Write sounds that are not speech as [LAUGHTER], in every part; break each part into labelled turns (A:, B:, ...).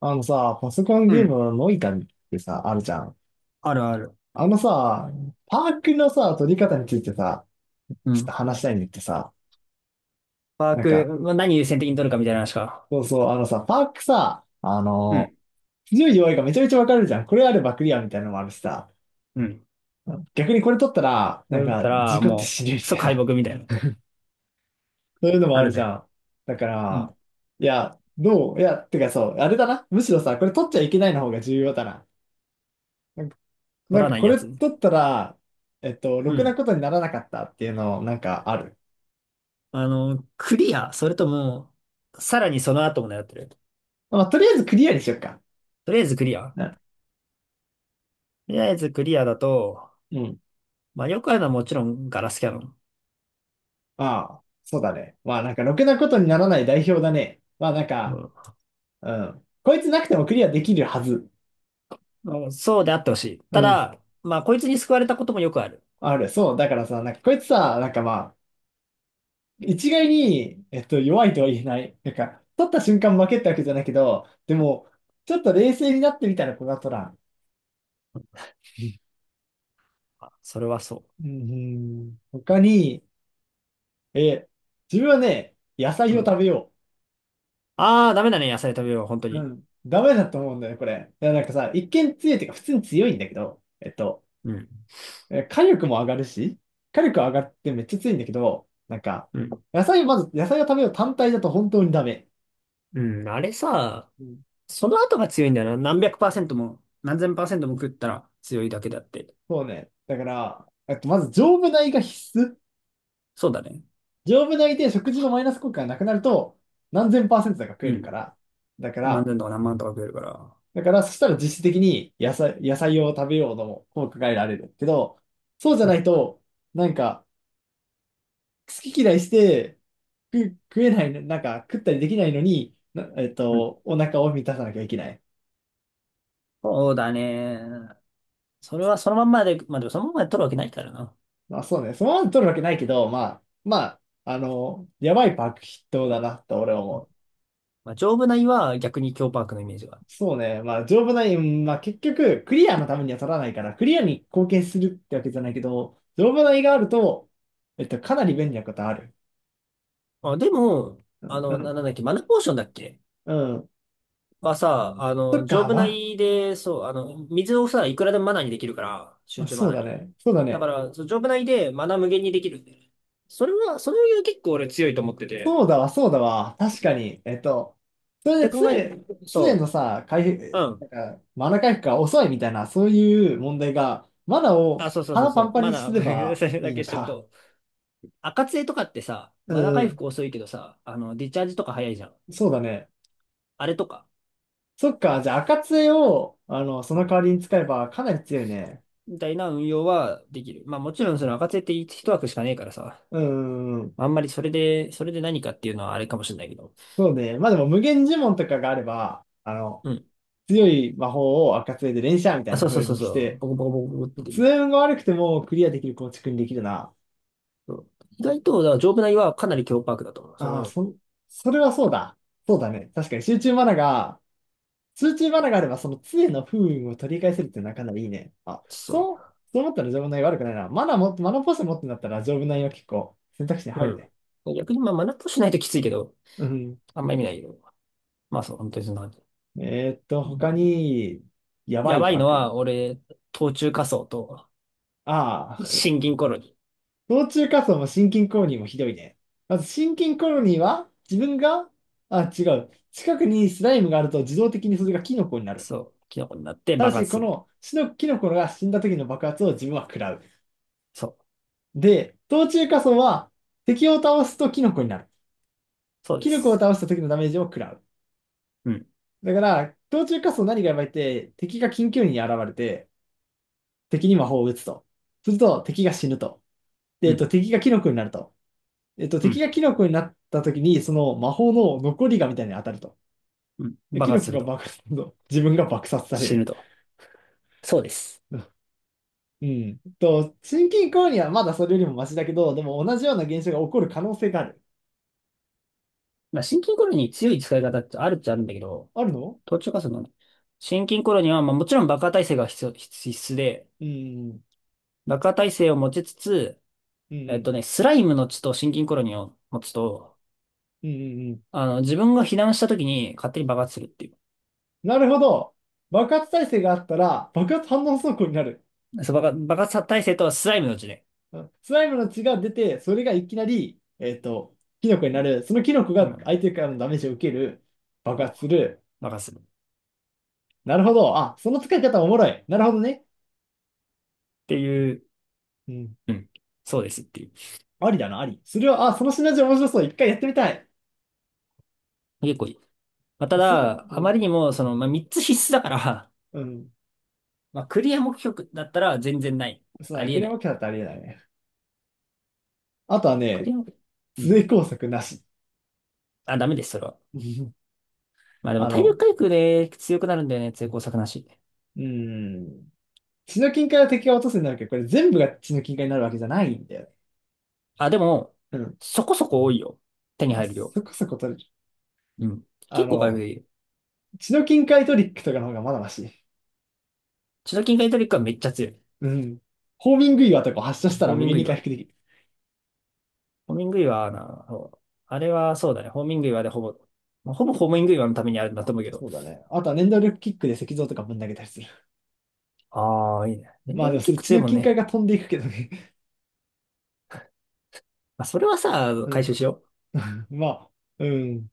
A: あのさ、パソコン
B: う
A: ゲーム
B: ん、
A: のノイタミってさ、あるじゃん。
B: あるある。
A: あのさ、パークのさ、取り方についてさ、
B: う
A: ちょっと
B: ん。
A: 話したいんだってさ、
B: ワー
A: なん
B: ク、
A: か、
B: まあ、何優先的に取るかみたいな話か。
A: そうそう、あのさ、パークさ、
B: うん、
A: 強い弱いがめちゃめちゃわかるじゃん。これあればクリアみたいなのもあるしさ、
B: うん。
A: 逆にこれ取ったら、
B: これだった
A: 事
B: ら、
A: 故って
B: も
A: 死ぬみ
B: う、
A: た
B: 即
A: い
B: 敗
A: な、
B: 北み
A: [LAUGHS]
B: たいな。
A: そういうのも
B: あ
A: ある
B: る
A: じゃ
B: ね。
A: ん。だか
B: うん。
A: ら、いや、どういや、てかそう、あれだな。むしろさ、これ取っちゃいけないの方が重要だな。な
B: 取
A: ん
B: ら
A: か
B: ない
A: こ
B: や
A: れ
B: つ。
A: 取ったら、
B: う
A: ろくな
B: ん。
A: ことにならなかったっていうの、なんかある。
B: あの、クリア、それとも、さらにその後も狙ってる。
A: まあ、とりあえずクリアにしよっか。
B: とりあえずクリア。
A: な、
B: とりあえずクリアだと、
A: うん。
B: まあよくあるのはもちろんガラスキャノン。
A: ああ、そうだね。まあ、なんかろくなことにならない代表だね。まあ、
B: うん。
A: うん。こいつなくてもクリアできるはず。
B: まあそうであってほしい。
A: う
B: た
A: ん。
B: だ、まあこいつに救われたこともよくある。
A: ある。そう。だからさ、なんかこいつさ、なんかまあ、一概に、弱いとは言えない。なんか、取った瞬間負けってわけじゃないけど、でも、ちょっと冷静になってみたら、こがとら。
B: あ、それはそ
A: ん、うん、他に、え、自分はね、野菜
B: う。う
A: を
B: ん。
A: 食べよ
B: ああ、ダメだね、野菜食べよう、本当
A: う。う
B: に。
A: ん。ダメだと思うんだよね、これ。いや、なんかさ、一見強いっていうか、普通に強いんだけど、
B: うん。
A: え火力も上がるし、火力上がってめっちゃ強いんだけど、
B: うん。
A: 野菜をまず、野菜を食べよう単体だと本当にダメ。
B: うん、あれさ、
A: うん。
B: その後が強いんだよな。何百パーセントも、何千パーセントも食ったら強いだけだって。
A: そうね。だから、まず丈夫米が必須。
B: そうだね。
A: 丈夫米で食事のマイナス効果がなくなると、何千パーセントだか食
B: う
A: える
B: ん。
A: から。だか
B: 何
A: ら、
B: 千とか何万とか食えるから。
A: だから、そしたら実質的に野菜を食べようとも効果が得られるけど、そうじゃ
B: う
A: な
B: ん。
A: いと、なんか、好き嫌いして、食えない、食ったりできないのに、な
B: うん。
A: お腹を満たさなきゃいけない。
B: そうだね。それはそのまんまで、まあでもそのまんまで取るわけないからな。
A: まあそうね、そのまま取るわけないけど、まあ、あの、やばいパック筆頭だなって俺は
B: う
A: 思
B: ん。
A: う。
B: まあ、丈夫な胃は逆に強パークのイメージが。
A: そうね、まあ、丈夫な、うんまあ結局、クリアのためには取らないから、クリアに貢献するってわけじゃないけど、丈夫な胃があると、かなり便利なことある。
B: あ、でも、
A: う
B: あの、な、
A: ん、
B: なんだっけ、マナポーションだっけ
A: うん、
B: はさ、あ
A: そっ
B: の、丈
A: か、
B: 夫な
A: わ、
B: 胃で、そう、あの、水をさ、いくらでもマナにできるから、集
A: あ
B: 中マ
A: そう
B: ナ
A: だ
B: に。
A: ね。そうだ
B: だか
A: ね。
B: ら、そう、丈夫な胃でマナ無限にできるんだよね。それは、それは結構俺強いと思ってて。
A: そうだわ、そうだわ。確かに。えっと、それ
B: で
A: で
B: 考えて、
A: 常
B: そ
A: のさ、回
B: う、う
A: 復、
B: ん。
A: マナ回復が遅いみたいな、そういう問題が、マナ
B: あ、
A: を
B: そうそうそう
A: 腹
B: そ
A: パンパ
B: う。
A: ン
B: マ
A: にす
B: ナー、[LAUGHS]
A: れ
B: これ
A: ば
B: それ
A: い
B: だ
A: い
B: け
A: の
B: しとく
A: か。
B: と。赤杖とかってさ、
A: う
B: マナー回
A: ん、
B: 復遅いけどさ、あの、ディチャージとか早いじゃん。
A: そうだね。
B: あれとか、
A: そっか、じゃあ、赤杖を、あの、そ
B: う
A: の
B: ん。
A: 代わりに使えばかなり強いね。
B: みたいな運用はできる。まあもちろんその赤杖って一枠しかねえからさ、
A: うん、うん、
B: まあんまりそれで、それで何かっていうのはあれかもしれないけど。
A: そうね。まあでも、無限呪文とかがあれば、あの、
B: うん。
A: 強い魔法を赤杖で連射みた
B: あ、
A: い
B: そ
A: な
B: うそう
A: 風
B: そう
A: に
B: そ
A: し
B: う。
A: て、
B: ボコボコボコボコってでき
A: 通
B: る。
A: 運が悪くてもクリアできる構築にできるな。
B: そう、意外と、だから丈夫な胃はかなり強パークだと思う。そ
A: ああ、
B: の、
A: そ、それはそうだ。そうだね。確かに集中マナがあればその杖の不運を取り返せるってなかなかいいね。あ、
B: そ
A: そう、そう思ったら丈夫な悪くないな。マナも、マナポーション持ってんだったら丈夫なは結構選択肢に
B: う。
A: 入るね。
B: うん。逆にまあマナーとしないときついけど、
A: うん。
B: あんま意味ないけど。まあそう、本当にそんな感じ。
A: えーっと、他に、やば
B: や
A: い
B: ばい
A: バ
B: の
A: グ。
B: は、俺、冬虫夏草と
A: ああ、
B: 新銀コロニ。
A: 途中仮想も心筋コロニーもひどいね。まず心筋コロニーは自分が、あ、違う。近くにスライムがあると自動的にそれがキノコになる。
B: そう、キノコになって
A: ただ
B: 爆
A: し、
B: 発
A: こ
B: する。
A: の死のキノコが死んだ時の爆発を自分は食らう。
B: そう、
A: で、冬中火層は敵を倒すとキノコになる。
B: そうで
A: キノコを
B: す。
A: 倒した時のダメージを食らう。
B: うん、
A: だから、冬中火層何がやばいって、敵が緊急に現れて、敵に魔法を打つと。すると、敵が死ぬと。で、
B: うん、
A: 敵がキノコになると。えっと、
B: う
A: 敵
B: ん、
A: がキノコになった時に、その魔法の残りがみたいに当たると。
B: うん。
A: でキ
B: 爆
A: ノ
B: 発
A: コ
B: する
A: が
B: と。
A: 爆発すると、自分が爆殺され
B: 死
A: る。
B: ぬと。そうです。
A: [LAUGHS] うん。と、心筋梗にはまだそれよりもマシだけど、でも同じような現象が起こる可能性がある。
B: まあ、新銀コロニに強い使い方ってあるっちゃあるんだけど、
A: あるの、
B: 冬虫夏草の新銀コロニーは、まあ、もちろん爆破耐性が必要、必必須で、
A: うん
B: 爆破耐性を持ちつつ、
A: うんう
B: えっと
A: ん、
B: ね、スライムの血と心筋コロニーを持つと、
A: うんうんうん。
B: あの、自分が避難した時に勝手に爆発するってい
A: なるほど。爆発耐性があったら、爆発反応走行になる。
B: う。そう、爆発耐性とスライムの血で。
A: うんスライムの血が出て、それがいきなり、キノコに
B: う
A: な
B: ん。
A: る。そのキノコ
B: う
A: が
B: ん。
A: 相手からのダメージを受ける。爆
B: そ
A: 発する。
B: う任すっ
A: なるほど。あ、その使い方おもろい。なるほどね。
B: ていう、
A: うん。
B: うん。そうですっていう。
A: ありだな、あり。それは、あ、そのシナジー面白そう。一回やってみたい。
B: 結構いい。まあ、た
A: あ、する。
B: だ、
A: う
B: あま
A: ん。
B: りにも、その、まあ、3つ必須だから、
A: うん。
B: [LAUGHS] まあ、クリア目標だったら全然ない。
A: そうだ
B: あ
A: ね。
B: り
A: ク
B: え
A: レ
B: な
A: マ
B: い。
A: キャだってありえないね。あとは
B: ク
A: ね、
B: リア目標。う
A: 通
B: ん。
A: 営工作なし。
B: あ、ダメです、それは。
A: [LAUGHS]
B: まあでも、
A: あ
B: 体力
A: の、
B: 回復で強くなるんだよね、成功作なし。
A: うーん。血の金塊は敵が落とすになるけど、これ全部が血の金塊になるわけじゃないんだよね。
B: あ、でも、
A: う
B: そこそこ多いよ。手に
A: ん。
B: 入る量。
A: そこそこ取れる。
B: うん。
A: あ
B: 結構回復
A: の、
B: できる。
A: 血の金塊トリックとかの方がまだマシ。
B: チノキンカイトリックはめっちゃ強い。
A: うん。ホーミング岩とか発射した
B: ホ
A: ら
B: ー
A: 無
B: ミン
A: 限
B: グ
A: に回
B: 岩。
A: 復できる。
B: ホーミング岩な、そう、あれはそうだね。ホーミング岩でほぼ、まあ、ほぼホーミング岩のためにあるんだと思うけど。
A: そうだね。あとは念動力キックで石像とかぶん投げたりする。
B: ああ、いいね。電
A: まあ
B: 動
A: でもそ
B: キッ
A: れ
B: ク
A: 血
B: 強い
A: の
B: もん
A: 金塊
B: ね。
A: が飛んでいくけどね。
B: まあ、それはさ、
A: う
B: 回
A: ん。
B: 収しよ
A: [LAUGHS] まあ、うん。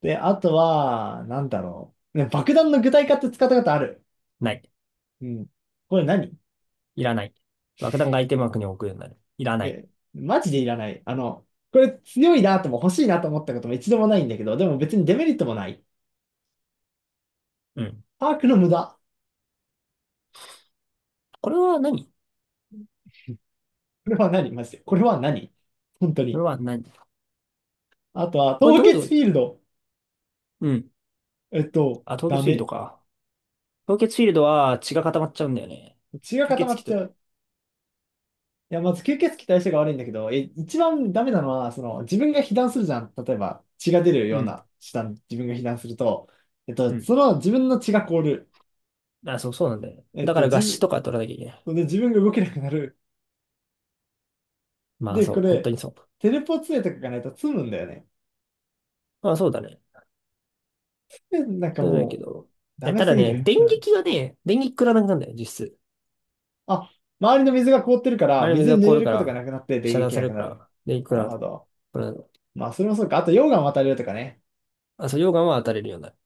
A: で、あとは、なんだろう。ね、爆弾の具体化って使ったことある。
B: う。ない。
A: うん。これ何、
B: いらない。爆弾が相手幕に置くようになる。いらない。
A: えー、マジでいらない。あの、これ強いなとも欲しいなと思ったことも一度もないんだけど、でも別にデメリットもない。
B: うん。
A: パークの無駄。
B: これは何。
A: これは何マジで。これは何本当
B: これ
A: に。
B: は何。
A: あとは、
B: これ
A: 凍
B: どうい
A: 結フ
B: う、
A: ィールド。
B: うん。あ、凍
A: ダ
B: 結フィールド
A: メ。
B: か。凍結フィールドは血が固まっちゃうんだよね。
A: 血が
B: 吸
A: 固ま
B: 血
A: っち
B: 鬼
A: ゃ
B: と。
A: う。いや、まず吸血鬼対象が悪いんだけど、え、一番ダメなのは、その、自分が被弾するじゃん。例えば、血が出る
B: う
A: よう
B: ん。
A: な下に自分が被弾すると、
B: うん。
A: その自分の血が凍る。
B: あ、そう、そうなんだよね。
A: えっ
B: だか
A: と、
B: ら合
A: 自
B: 死とか取らなきゃいけない。
A: 分、で自分が動けなくなる。
B: まあ
A: で、
B: そ
A: こ
B: う、本当
A: れ、
B: にそう。
A: テレポ杖とかがないと積むんだよね。
B: まあそうだね。
A: でなんか
B: そういうのいいけ
A: も
B: ど。
A: う、ダ
B: え、
A: メ
B: ただ
A: すぎ
B: ね、
A: る。
B: 電
A: うん。
B: 撃がね、電撃食らわなくなるんだよ、実質。
A: あ、周りの水が凍ってるか
B: あ
A: ら、
B: れ水
A: 水に
B: が
A: 濡
B: 凍
A: れ
B: る
A: る
B: か
A: ことがなく
B: ら、
A: なってで
B: 遮断
A: 撃
B: さ
A: な
B: れ
A: く
B: る
A: な
B: か
A: る。
B: ら、電撃食
A: なる
B: ら
A: ほど。
B: う。
A: まあ、それもそうか。あと、溶岩渡れるとかね。
B: あ、そう、溶岩は当たれるようになる。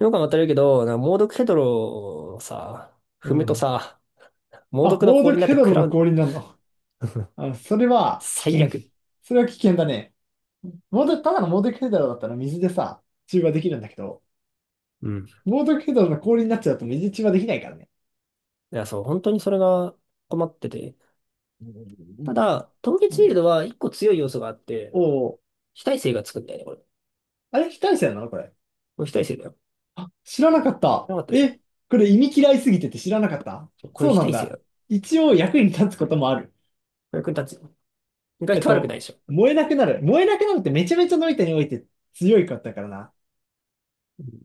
B: 溶岩は当たれるけど、な猛毒ヘドロをさ、
A: う
B: 踏むと
A: ん。
B: さ、猛
A: あ、
B: 毒の
A: 猛毒
B: 氷になっ
A: ヘ
B: て
A: ド
B: 食
A: ロ
B: ら
A: の
B: う。
A: 氷になるの。
B: [LAUGHS]
A: あ、それは危
B: 最
A: 険。
B: 悪。
A: それは危険だね。猛毒、ただの猛毒ヘドロだったら水でさ、中和できるんだけど、
B: うん。
A: 猛毒ヘドロの氷になっちゃうと水中和できないからね。
B: いや、そう、本当にそれが困ってて。
A: うん
B: ただ、凍
A: う
B: 結シー
A: ん、
B: ルドは一個強い要素があって、
A: おお、
B: 非耐性がつくんだよね、これ。こ
A: あれ非対称なのこれ。
B: れ非耐性だよ。
A: あ、知らなかった。
B: なかったでしょ。
A: え、これ意味嫌いすぎてて知らなかった、
B: これ
A: そう
B: 非
A: なん
B: 耐性だ
A: だ。
B: よ。こ
A: 一応役に立つこともある。
B: れ役に立つよ。意外
A: えっ
B: と悪くない
A: と、
B: でしょ。
A: 燃えなくなる。燃えなくなるってめちゃめちゃノイタにおいて強いかったからな。
B: うん。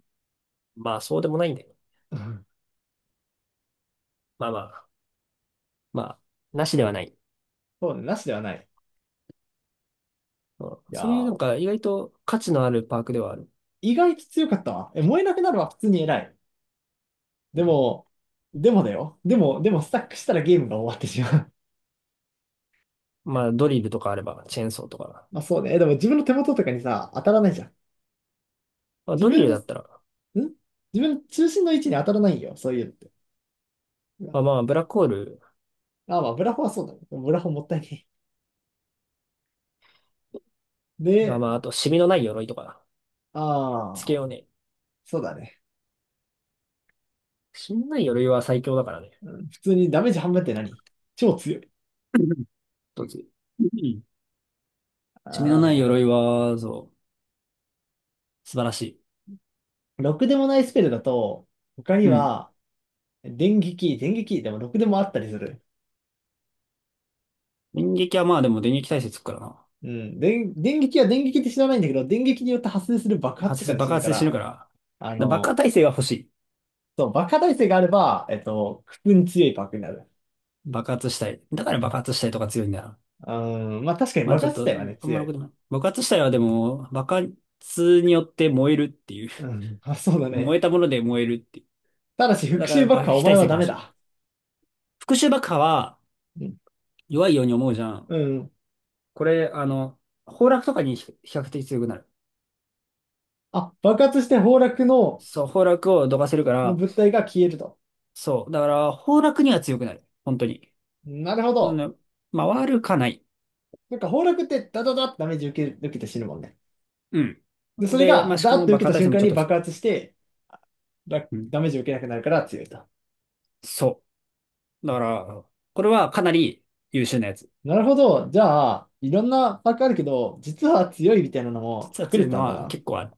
B: まあ、そうでもないんだよ。
A: うん
B: まあまあ、まあ、なしではない。
A: そうね、なしではない。
B: うん。
A: いや
B: そういうなんか、
A: ー、
B: 意外と価値のあるパークではある。
A: 意外と強かったわ。え、燃えなくなるは普通に偉い。でも、でもだよ。でもスタックしたらゲームが終わってしまう。
B: まあ、ドリルとかあれば、チェーンソーとか。
A: [LAUGHS] まあそうね。でも自分の手元とかにさ、当たらないじゃん。
B: まあ、
A: 自
B: ドリ
A: 分
B: ル
A: の、ん
B: だったら、
A: 自分の中心の位置に当たらないよ。そういうのって。うわ
B: まあまあ、ブラックホール
A: あ、まあ、ブラフォはそうだね。ブラフォもったいねえ。
B: が、
A: で、
B: まあ、あ
A: あ
B: と、シミのない鎧とか、つけ
A: あー、
B: ようね。
A: そうだね。
B: シミのない鎧は最強だからね。
A: 普通にダメージ半分って何超強い。
B: [LAUGHS] どっち。うん。シミのない
A: あ
B: 鎧は、そう、素晴らしい。
A: あ、ろくでもないスペルだと、他に
B: うん。
A: は、電撃、でもろくでもあったりする。
B: 電撃はまあでも電撃耐性つくからな。
A: うん、電撃は電撃って知らないんだけど、電撃によって発生する爆発と
B: 発
A: か
B: 生
A: で死
B: 爆
A: ぬか
B: 発で死ぬ
A: ら、
B: から。
A: あ
B: だ爆破
A: の、
B: 耐性が欲しい。
A: そう、爆破耐性があれば、普通に強いパークになる。
B: 爆発したい。だから爆発したいとか強いんだよな。
A: うん、まあ確かに
B: まあ
A: 爆
B: ちょっ
A: 発自
B: と、
A: 体はね、
B: あんま
A: 強
B: ろく
A: い。
B: でもない。爆発したいはでも、爆発によって燃えるっていう。
A: うん、[LAUGHS] あ、そうだ
B: [LAUGHS] 燃
A: ね。
B: えたもので燃えるってい
A: ただし、
B: う。だ
A: 復
B: からや
A: 讐
B: っ
A: 爆
B: ぱ
A: 破はお
B: 非
A: 前
B: 耐
A: は
B: 性が
A: ダ
B: 欲
A: メ
B: しい。
A: だ。
B: 復讐爆破は、
A: うん。
B: 弱いように思うじゃ
A: う
B: ん。
A: ん、
B: これ、あの、崩落とかに比較的強くなる。
A: あ、爆発して崩落の
B: そう、崩落をどかせるか
A: の
B: ら、
A: 物体が消えると。
B: そう。だから、崩落には強くなる。本当に。
A: なるほ
B: な
A: ど。
B: ので、まあ、悪かない。
A: なんか崩落ってダダダってダメージ受けて死ぬもんね。
B: うん。
A: で、それ
B: で、
A: が
B: まあ、し
A: ダー
B: か
A: っ
B: も
A: て
B: 爆
A: 受け
B: 破
A: た
B: 耐
A: 瞬
B: 性も
A: 間
B: ちょっ
A: に
B: とつ
A: 爆
B: く。
A: 発して、ダ
B: うん。
A: ダメージを受けなくなるから強いと。
B: そう。だから、これはかなり優秀なやつ。
A: なるほど。じゃあ、いろんなパックあるけど、実は強いみたいなのも
B: 実は
A: 隠れ
B: 強
A: て
B: い
A: た
B: の
A: んだ
B: は
A: な。
B: 結構ある。